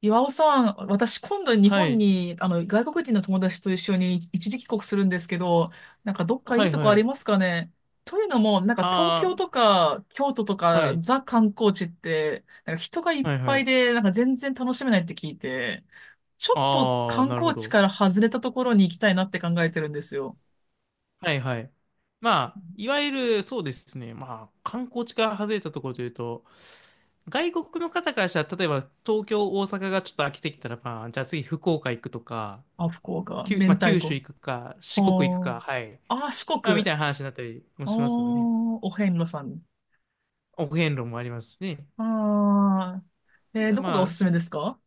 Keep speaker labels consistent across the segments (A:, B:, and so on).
A: 岩尾さん、私今度日
B: は
A: 本
B: い。
A: に、外国人の友達と一緒に一時帰国するんですけど、なんかどっかい
B: は
A: い
B: い、
A: とこあ
B: は
A: り
B: い。
A: ますかね？というのも、なんか東京
B: あ
A: とか京都と
B: あ、は
A: か
B: い。
A: ザ観光地って、なんか人がいっ
B: はい、は
A: ぱい
B: い。
A: で、なんか全然楽しめないって聞いて、ちょっと
B: ああ、
A: 観
B: なるほ
A: 光地
B: ど。
A: から外れたところに行きたいなって考えてるんですよ。
B: はい、はい。まあ、いわゆる、そうですね。まあ、観光地から外れたところというと、外国の方からしたら、例えば東京、大阪がちょっと飽きてきたら、まあ、じゃあ次福岡行くとか、
A: あ、福岡、明
B: まあ、
A: 太
B: 九州
A: 子。
B: 行くか、四国行く
A: は
B: か、はい。
A: あ。あ、四
B: まあ、み
A: 国。
B: たいな話になったりも
A: ああ、
B: しますよね。
A: お遍路さん。
B: お遍路もありますしね。
A: ああ。どこが
B: ま
A: お
B: あ、
A: すす
B: そ、
A: めですか？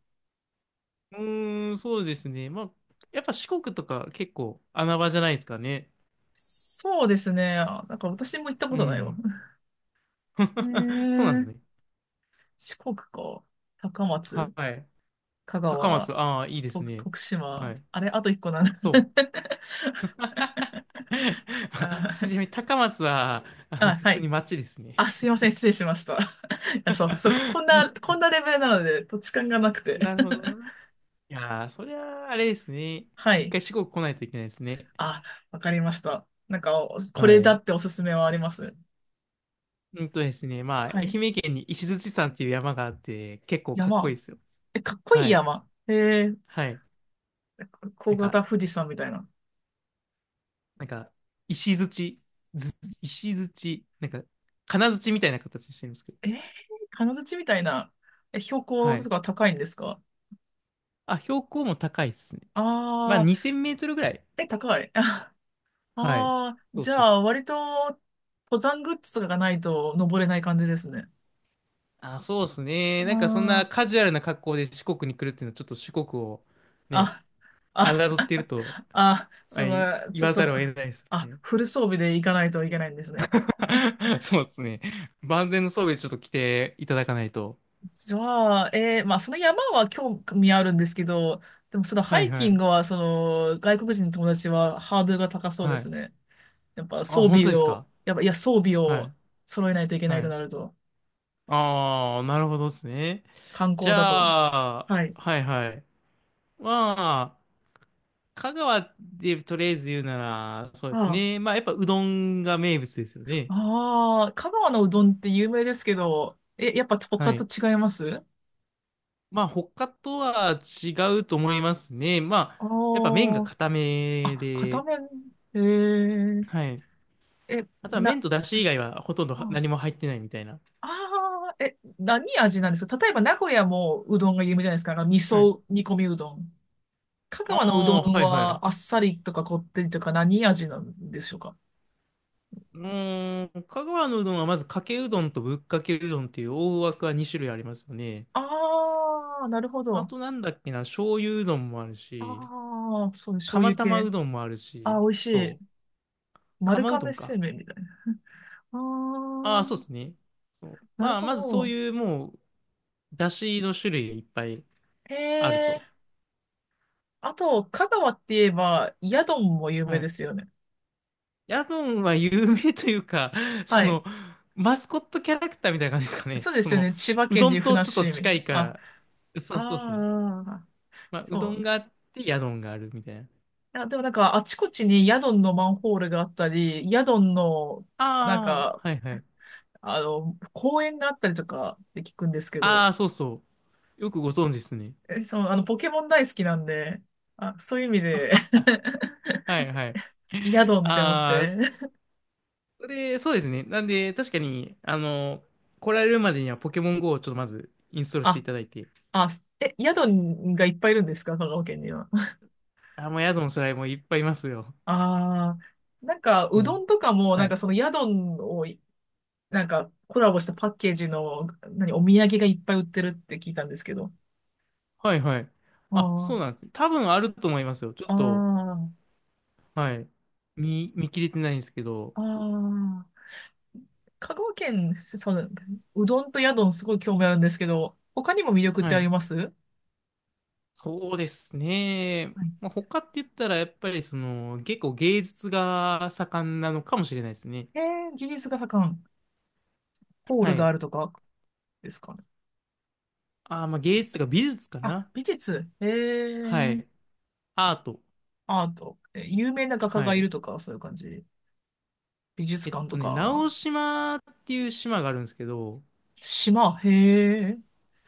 B: うーん、そうですね。まあ、やっぱ四国とか結構穴場じゃないですかね。
A: そうですね。あ、なんか私も行ったこ
B: う
A: とないわ。
B: ん。
A: え
B: そうなんです
A: ー、
B: ね。
A: 四国か。高
B: は
A: 松、
B: い。
A: 香
B: 高
A: 川、
B: 松、ああ、いいです
A: と
B: ね。
A: 徳
B: は
A: 島。
B: い。
A: あれ、あと一個なんだ。
B: そう。
A: あ
B: ち
A: ー、
B: なみに高松は、
A: あ、
B: 普
A: は
B: 通
A: い。
B: に町ですね。
A: あ、すいません。失礼しました。いや、そう、そう、こんな、こんなレベルなので、土地勘がなくて。
B: なるほど な。いやー、そりゃあ、あれですね。
A: は
B: 一
A: い。
B: 回四国来ないといけないですね。
A: あ、わかりました。なんか、おこ
B: は
A: れだ
B: い。
A: っておすすめはあります？
B: うんとですね、まあ、愛
A: はい。
B: 媛県に石鎚山っていう山があって、結構かっこい
A: 山。
B: いですよ。
A: え、かっこい
B: は
A: い
B: い。
A: 山。ー、
B: はい。
A: 小
B: なんか、
A: 型富士山みたいな。
B: なんか、石鎚、ず石鎚、なんか、金槌みたいな形してるんですけど。
A: えー、金槌みたいな、え、標高
B: は
A: と
B: い。
A: か高いんですか？
B: あ、標高も高いっすね。まあ、
A: ああ
B: 2000メートルぐらい。
A: ー、え、高い。あ
B: はい。
A: あ、
B: そう
A: じゃ
B: そう。
A: あ、割と、登山グッズとかがないと登れない感じですね。
B: あ、そうっすね。なんかそんな
A: あ
B: カジュアルな格好で四国に来るっていうのは、ちょっと四国をね、
A: あ、あ、
B: 侮っ
A: あ、
B: ていると、
A: あ、そ
B: はい、
A: の、
B: 言
A: ちょっ
B: わざる
A: と、
B: を得ないです
A: あ、
B: ね。
A: フル装備で行かないといけないんですね。
B: そうっすね。万全の装備でちょっと来ていただかないと。
A: じゃあ、まあ、その山は興味あるんですけど、でも、その
B: は
A: ハ
B: い
A: イ
B: は
A: キン
B: い。
A: グは、外国人の友達はハードルが高そうで
B: は
A: す
B: い。
A: ね。やっぱ
B: あ、
A: 装
B: 本当
A: 備
B: です
A: を、
B: か？
A: やっぱ、いや、装備
B: は
A: を
B: い。
A: 揃えないといけない
B: は
A: と
B: い。
A: なると、
B: ああ、なるほどっすね。
A: 観
B: じ
A: 光だと。
B: ゃあ、
A: はい。
B: はいはい。まあ香川でとりあえず言うなら、そうです
A: あ
B: ね。まあ、やっぱうどんが名物ですよ
A: あ、
B: ね。
A: ああ、香川のうどんって有名ですけど、え、やっぱ
B: は
A: 他と
B: い。
A: 違います？あ
B: まあ、他とは違うと思いますね。まあ、
A: あ、
B: やっぱ麺が固め
A: あ、片
B: で、
A: 面、えー、
B: はい。
A: え、
B: あとは麺
A: な、
B: と出汁以外はほとんどは
A: あ
B: 何も入ってないみたいな。
A: あー、え、何味なんですか？例えば名古屋もうどんが有名じゃないですか。あの味
B: はい。
A: 噌煮込みうどん。香川のうど
B: ああ、
A: ん
B: はいはい。
A: はあっさりとかこってりとか何味なんでしょうか？
B: 香川のうどんはまずかけうどんとぶっかけうどんっていう大枠は2種類ありますよね。
A: ああー、なるほ
B: あ
A: ど。
B: となんだっけな、醤油うどんもあるし、
A: ああ、そう、醤
B: 釜
A: 油
B: 玉
A: 系。
B: うどんもある
A: ああ、
B: し、
A: 美味し
B: そう、
A: い。丸
B: 釜うど
A: 亀
B: ん
A: 製
B: か。
A: 麺みたいな。あ
B: ああ、そう
A: あ、
B: ですね。そう
A: なる
B: まあ、
A: ほ
B: まずそう
A: ど。
B: いうもう、出汁の種類がいっぱい
A: へ
B: ある
A: え。
B: と。
A: あと、香川って言えば、ヤドンも有名
B: は
A: で
B: い。
A: すよね。
B: ヤドンは有名というか、
A: は
B: そ
A: い。
B: の、マスコットキャラクターみたいな感じですかね。
A: そうで
B: そ
A: すよ
B: の、
A: ね。千葉
B: う
A: 県
B: ど
A: でいう
B: ん
A: ふ
B: と
A: なっ
B: ちょっと
A: しーみ。
B: 近いか
A: あ、
B: ら、そうそうですね。
A: ああ、
B: まあ、う
A: そ
B: どん
A: う。
B: があって、ヤドンがあるみたいな。
A: いや、でもなんか、あちこちにヤドンのマンホールがあったり、ヤドンの、なん
B: ああ、
A: か、
B: はいはい。
A: 公園があったりとかって聞くんですけど、
B: ああ、そうそう。よくご存知ですね。
A: え、そう、ポケモン大好きなんで、あ、そういう意味 で
B: あ、は いはい。
A: ヤ ドンって思っ
B: ああ、
A: て。
B: それ、そうですね。なんで、確かに、あの、来られるまでにはポケモン GO をちょっとまずインストールしてい
A: あ、
B: ただいて。
A: あ、え、ヤドンがいっぱいいるんですか？香川県には。
B: あ、もう宿のしらいもいっぱいいますよ。
A: ああ、なんか、
B: う
A: うど
B: ん。
A: んとかも、な
B: は
A: んか
B: い。
A: そのヤドンをなんかコラボしたパッケージの、何、お土産がいっぱい売ってるって聞いたんですけど。
B: はいはい。あ、そうな
A: あ
B: んですね。多分あると思いますよ。ちょ
A: あ、
B: っと、
A: あ
B: はい。見切れてないんですけど。
A: あ、ああ。香川県、うどんとヤドンすごい興味あるんですけど、他にも魅力って
B: は
A: あり
B: い。
A: ます？はい。
B: そうですね。まあ、他って言ったら、やっぱりその、結構芸術が盛んなのかもしれないですね。
A: え技術が盛ん、ホー
B: は
A: ルがあ
B: い。
A: るとかですかね？
B: あー、まあ芸術とか美術か
A: あ、
B: な。
A: 美術。え
B: はい。
A: え
B: アート。
A: アート。え有名な画家
B: は
A: がい
B: い。
A: るとか、そういう感じ。美術
B: えっ
A: 館と
B: とね、直
A: か。
B: 島っていう島があるんですけど、
A: 島、へえ。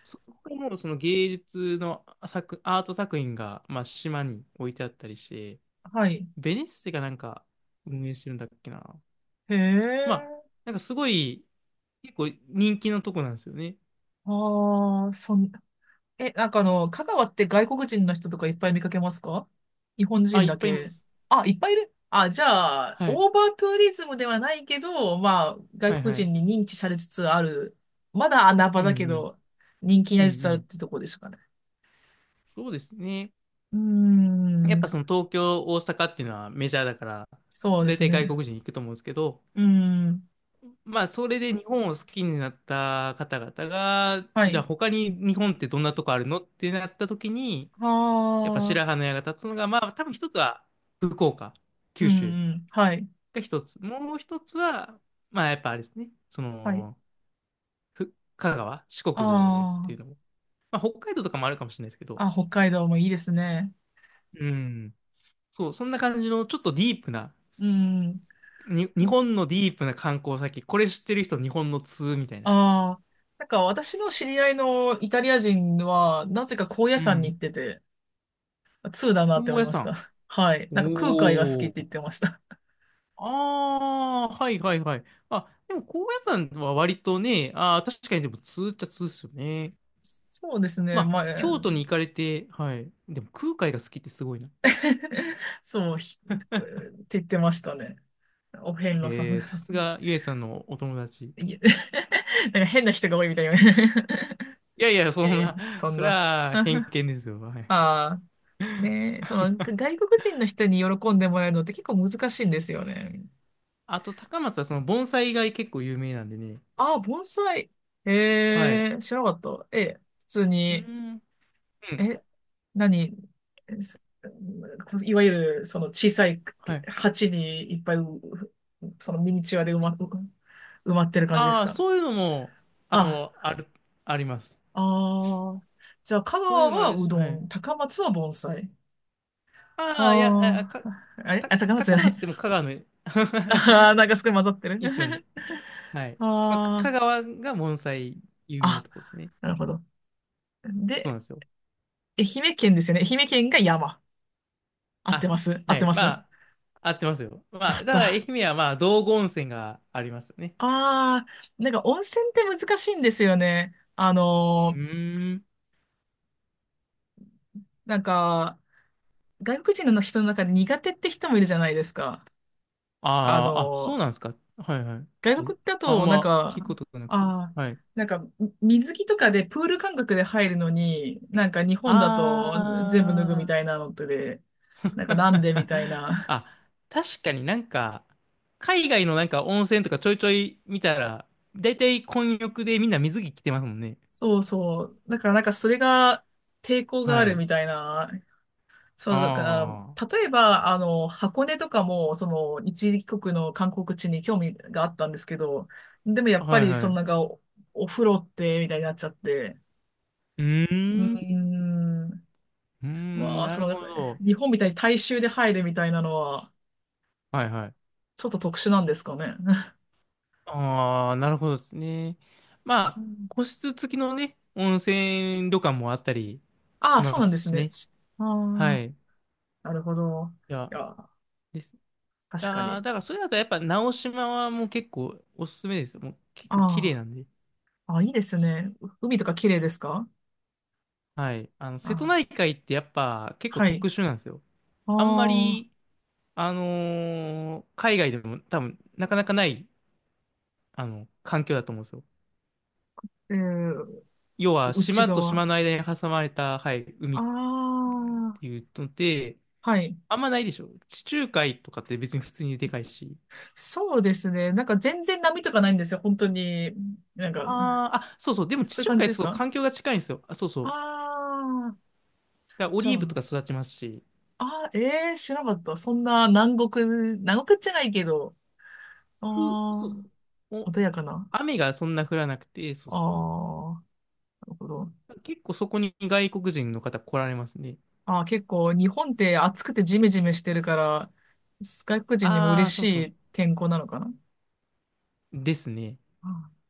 B: そこもその芸術の作、アート作品が、まあ、島に置いてあったりして、
A: はい。
B: ベネッセがなんか運営してるんだっけな。
A: へ
B: まあ、
A: え。
B: なんかすごい、結構人気のとこなんですよね。
A: ああ、え、なんか香川って外国人の人とかいっぱい見かけますか？日本
B: あ、
A: 人
B: いっ
A: だ
B: ぱいいま
A: け。
B: す。
A: あ、いっぱいいる。あ、じゃあ、
B: はい。
A: オーバーツーリズムではないけど、まあ、外
B: はい
A: 国
B: はい。
A: 人に認知されつつある。まだ穴場
B: うんう
A: だけ
B: ん。
A: ど、人気に
B: う
A: な
B: ん
A: りつつ
B: う
A: あるっ
B: ん。
A: てとこですかね。
B: そうですね。
A: うー
B: やっぱそ
A: ん、
B: の東京、大阪っていうのはメジャーだから、
A: そうで
B: 大
A: す
B: 体外
A: ね。
B: 国人行くと思うんですけど、
A: うーん、
B: まあ、それで日本を好きになった方々が、
A: は
B: じゃあ
A: い。
B: 他に日本ってどんなとこあるのってなった時に、やっぱ
A: ああ、
B: 白羽の矢が立つのが、まあ多分一つは福岡、
A: う
B: 九
A: ん
B: 州
A: うん。はい。
B: が一つ。もう一つは、まあやっぱあれですね、そ
A: はい。
B: の、香川、四国って
A: あ
B: いうのも。まあ北海道とかもあるかもしれないですけど、
A: あ、あ、北海道もいいですね。
B: うん。そう、そんな感じのちょっとディープな、
A: うん。
B: に、日本のディープな観光先、これ知ってる人日本の通みたいな。
A: ああ、なんか私の知り合いのイタリア人は、なぜか高野
B: う
A: 山に行
B: ん。
A: ってて、通だなって
B: 高
A: 思い
B: 野
A: まし
B: 山。
A: た。はい。
B: お
A: なんか空海が好きって言っ
B: お。
A: てました。
B: ああ、はいはいはい。あ、でも高野山は割とね、ああ、確かにでも通っちゃ通っすよね。
A: そうです
B: ま
A: ね。ま
B: あ、
A: あ、
B: 京都に行かれて、はい。でも空海が好きってすごいな。
A: そうひって言ってましたね。お遍路さ
B: えー、さ
A: ん。
B: すがゆえさんのお友達。い
A: いえ なんか変な人が多いみたいな。
B: やいや、
A: い
B: そん
A: やいや、
B: な、
A: そん
B: それ
A: な。
B: は偏
A: あ
B: 見ですよ。はい。
A: あ、ねえ、外国人の人に喜んでもらえるのって結構難しいんですよね。
B: あと、高松はその盆栽が結構有名なんでね。
A: ああ、盆栽。
B: はい。う
A: ええ、知らなかった。ええ、普通
B: ー
A: に、
B: ん。うん。
A: え、何、えすいわゆる、その小さい
B: はい。
A: 鉢にいっぱいう、そのミニチュアで埋まってる感じです
B: ああ、
A: か？
B: そういうのも、あ
A: あ、
B: の、ある、あります。
A: ああ、じゃあ、香
B: そういう
A: 川
B: のもあ
A: は
B: る
A: う
B: し、は
A: ど
B: い。
A: ん、高松は盆栽。
B: ああ、いや、あ
A: あ
B: か、
A: あ、あれ
B: た、
A: あ、高松じゃ
B: 高
A: ない。
B: 松でも香川の
A: ああ、なんかすごい混ざってる。
B: 一番で。はい。まあ、香
A: あ
B: 川が盆栽有名な
A: あ、
B: とこで
A: あ、
B: すね。
A: なるほど。
B: そう
A: で、
B: なんですよ。
A: 愛媛県ですよね。愛媛県が山。合って
B: あ、
A: ます。合っ
B: は
A: て
B: い。
A: ます。
B: ま
A: よ
B: あ、合ってますよ。まあ、
A: か
B: た
A: っ
B: だ
A: た。
B: 愛媛はまあ、道後温泉がありますよね。
A: ああ、なんか温泉って難しいんですよね。
B: うーん。
A: なんか、外国人の人の中で苦手って人もいるじゃないですか。あ
B: あーあ、そう
A: の
B: なんですか。はいはい。ちょっ
A: 外
B: と、
A: 国だ
B: あん
A: と、なん
B: ま
A: か、
B: 聞くことがなくて。
A: ああ、
B: はい。
A: なんか、水着とかでプール感覚で入るのに、なんか日本だと
B: あ
A: 全部脱ぐみた
B: あ。
A: いなのとで、なんかなんでみたい な。
B: あ、確かになんか、海外のなんか温泉とかちょいちょい見たら、だいたい混浴でみんな水着着てますもんね。
A: そうそう。だからなんかそれが抵抗があ
B: は
A: る
B: い。
A: みたいな。そう、だから、
B: あ
A: 例えば、箱根とかも、一時帰国の観光地に興味があったんですけど、でもや
B: あ、
A: っぱ
B: はい
A: り、
B: は
A: そ
B: い。
A: の
B: う
A: なんかお風呂って、みたいになっちゃって、
B: ー
A: う
B: ん、
A: ーん。
B: うーん、
A: まあ、
B: なる
A: なん
B: ほ
A: かね
B: ど。
A: 日本みたいに大衆で入るみたいなのは、
B: はいはい。
A: ちょっと特殊なんですかね。
B: ああ、なるほどですね。ま
A: う
B: あ、
A: ん、
B: 個室付きのね、温泉旅館もあったり
A: あ
B: し
A: あ、そ
B: ま
A: うなんで
B: す
A: す
B: し
A: ね。
B: ね。
A: あ
B: は
A: あ、
B: い。い
A: なるほど。
B: や、
A: いや、
B: です。
A: 確か
B: ああ、
A: に。
B: だからそれだとやっぱ直島はもう結構おすすめですよ。もう結
A: あ
B: 構綺麗なんで。
A: あ、ああ、いいですね。海とか綺麗ですか？
B: はい。あの、瀬戸
A: ああ、
B: 内海ってやっぱ結構
A: はい。
B: 特殊なんですよ。
A: あ
B: あんま
A: あ、
B: り、海外でも多分なかなかない、あの、環境だと思うんですよ。
A: えー、
B: 要は
A: 内
B: 島と
A: 側。
B: 島の間に挟まれた、はい、海
A: あ
B: っ
A: あ、
B: ていうので、
A: はい。
B: あんまないでしょ。地中海とかって別に普通にでかいし。
A: そうですね。なんか全然波とかないんですよ。本当に。なんか、
B: ああ、あ、そうそう。でも地
A: そういう
B: 中
A: 感
B: 海
A: じ
B: っ
A: で
B: て
A: す
B: そう
A: か？
B: 環境が近いんですよ。あ、そうそう。
A: ああー、
B: だからオ
A: じゃ
B: リーブとか
A: あ。
B: 育ちますし、
A: あ、ええ知らなかった。そんな南国、南国じゃないけど、あ
B: そうですね。
A: あ、
B: お、
A: 穏やかな。
B: 雨がそんな降らなくて、そう
A: あ
B: ですね。
A: あ、なるほど。
B: 結構そこに外国人の方来られますね。
A: ああ、結構日本って暑くてジメジメしてるから、外国人にも
B: あ
A: 嬉
B: あ、
A: し
B: そうそ
A: い天候なのかな。
B: う。ですね。
A: あ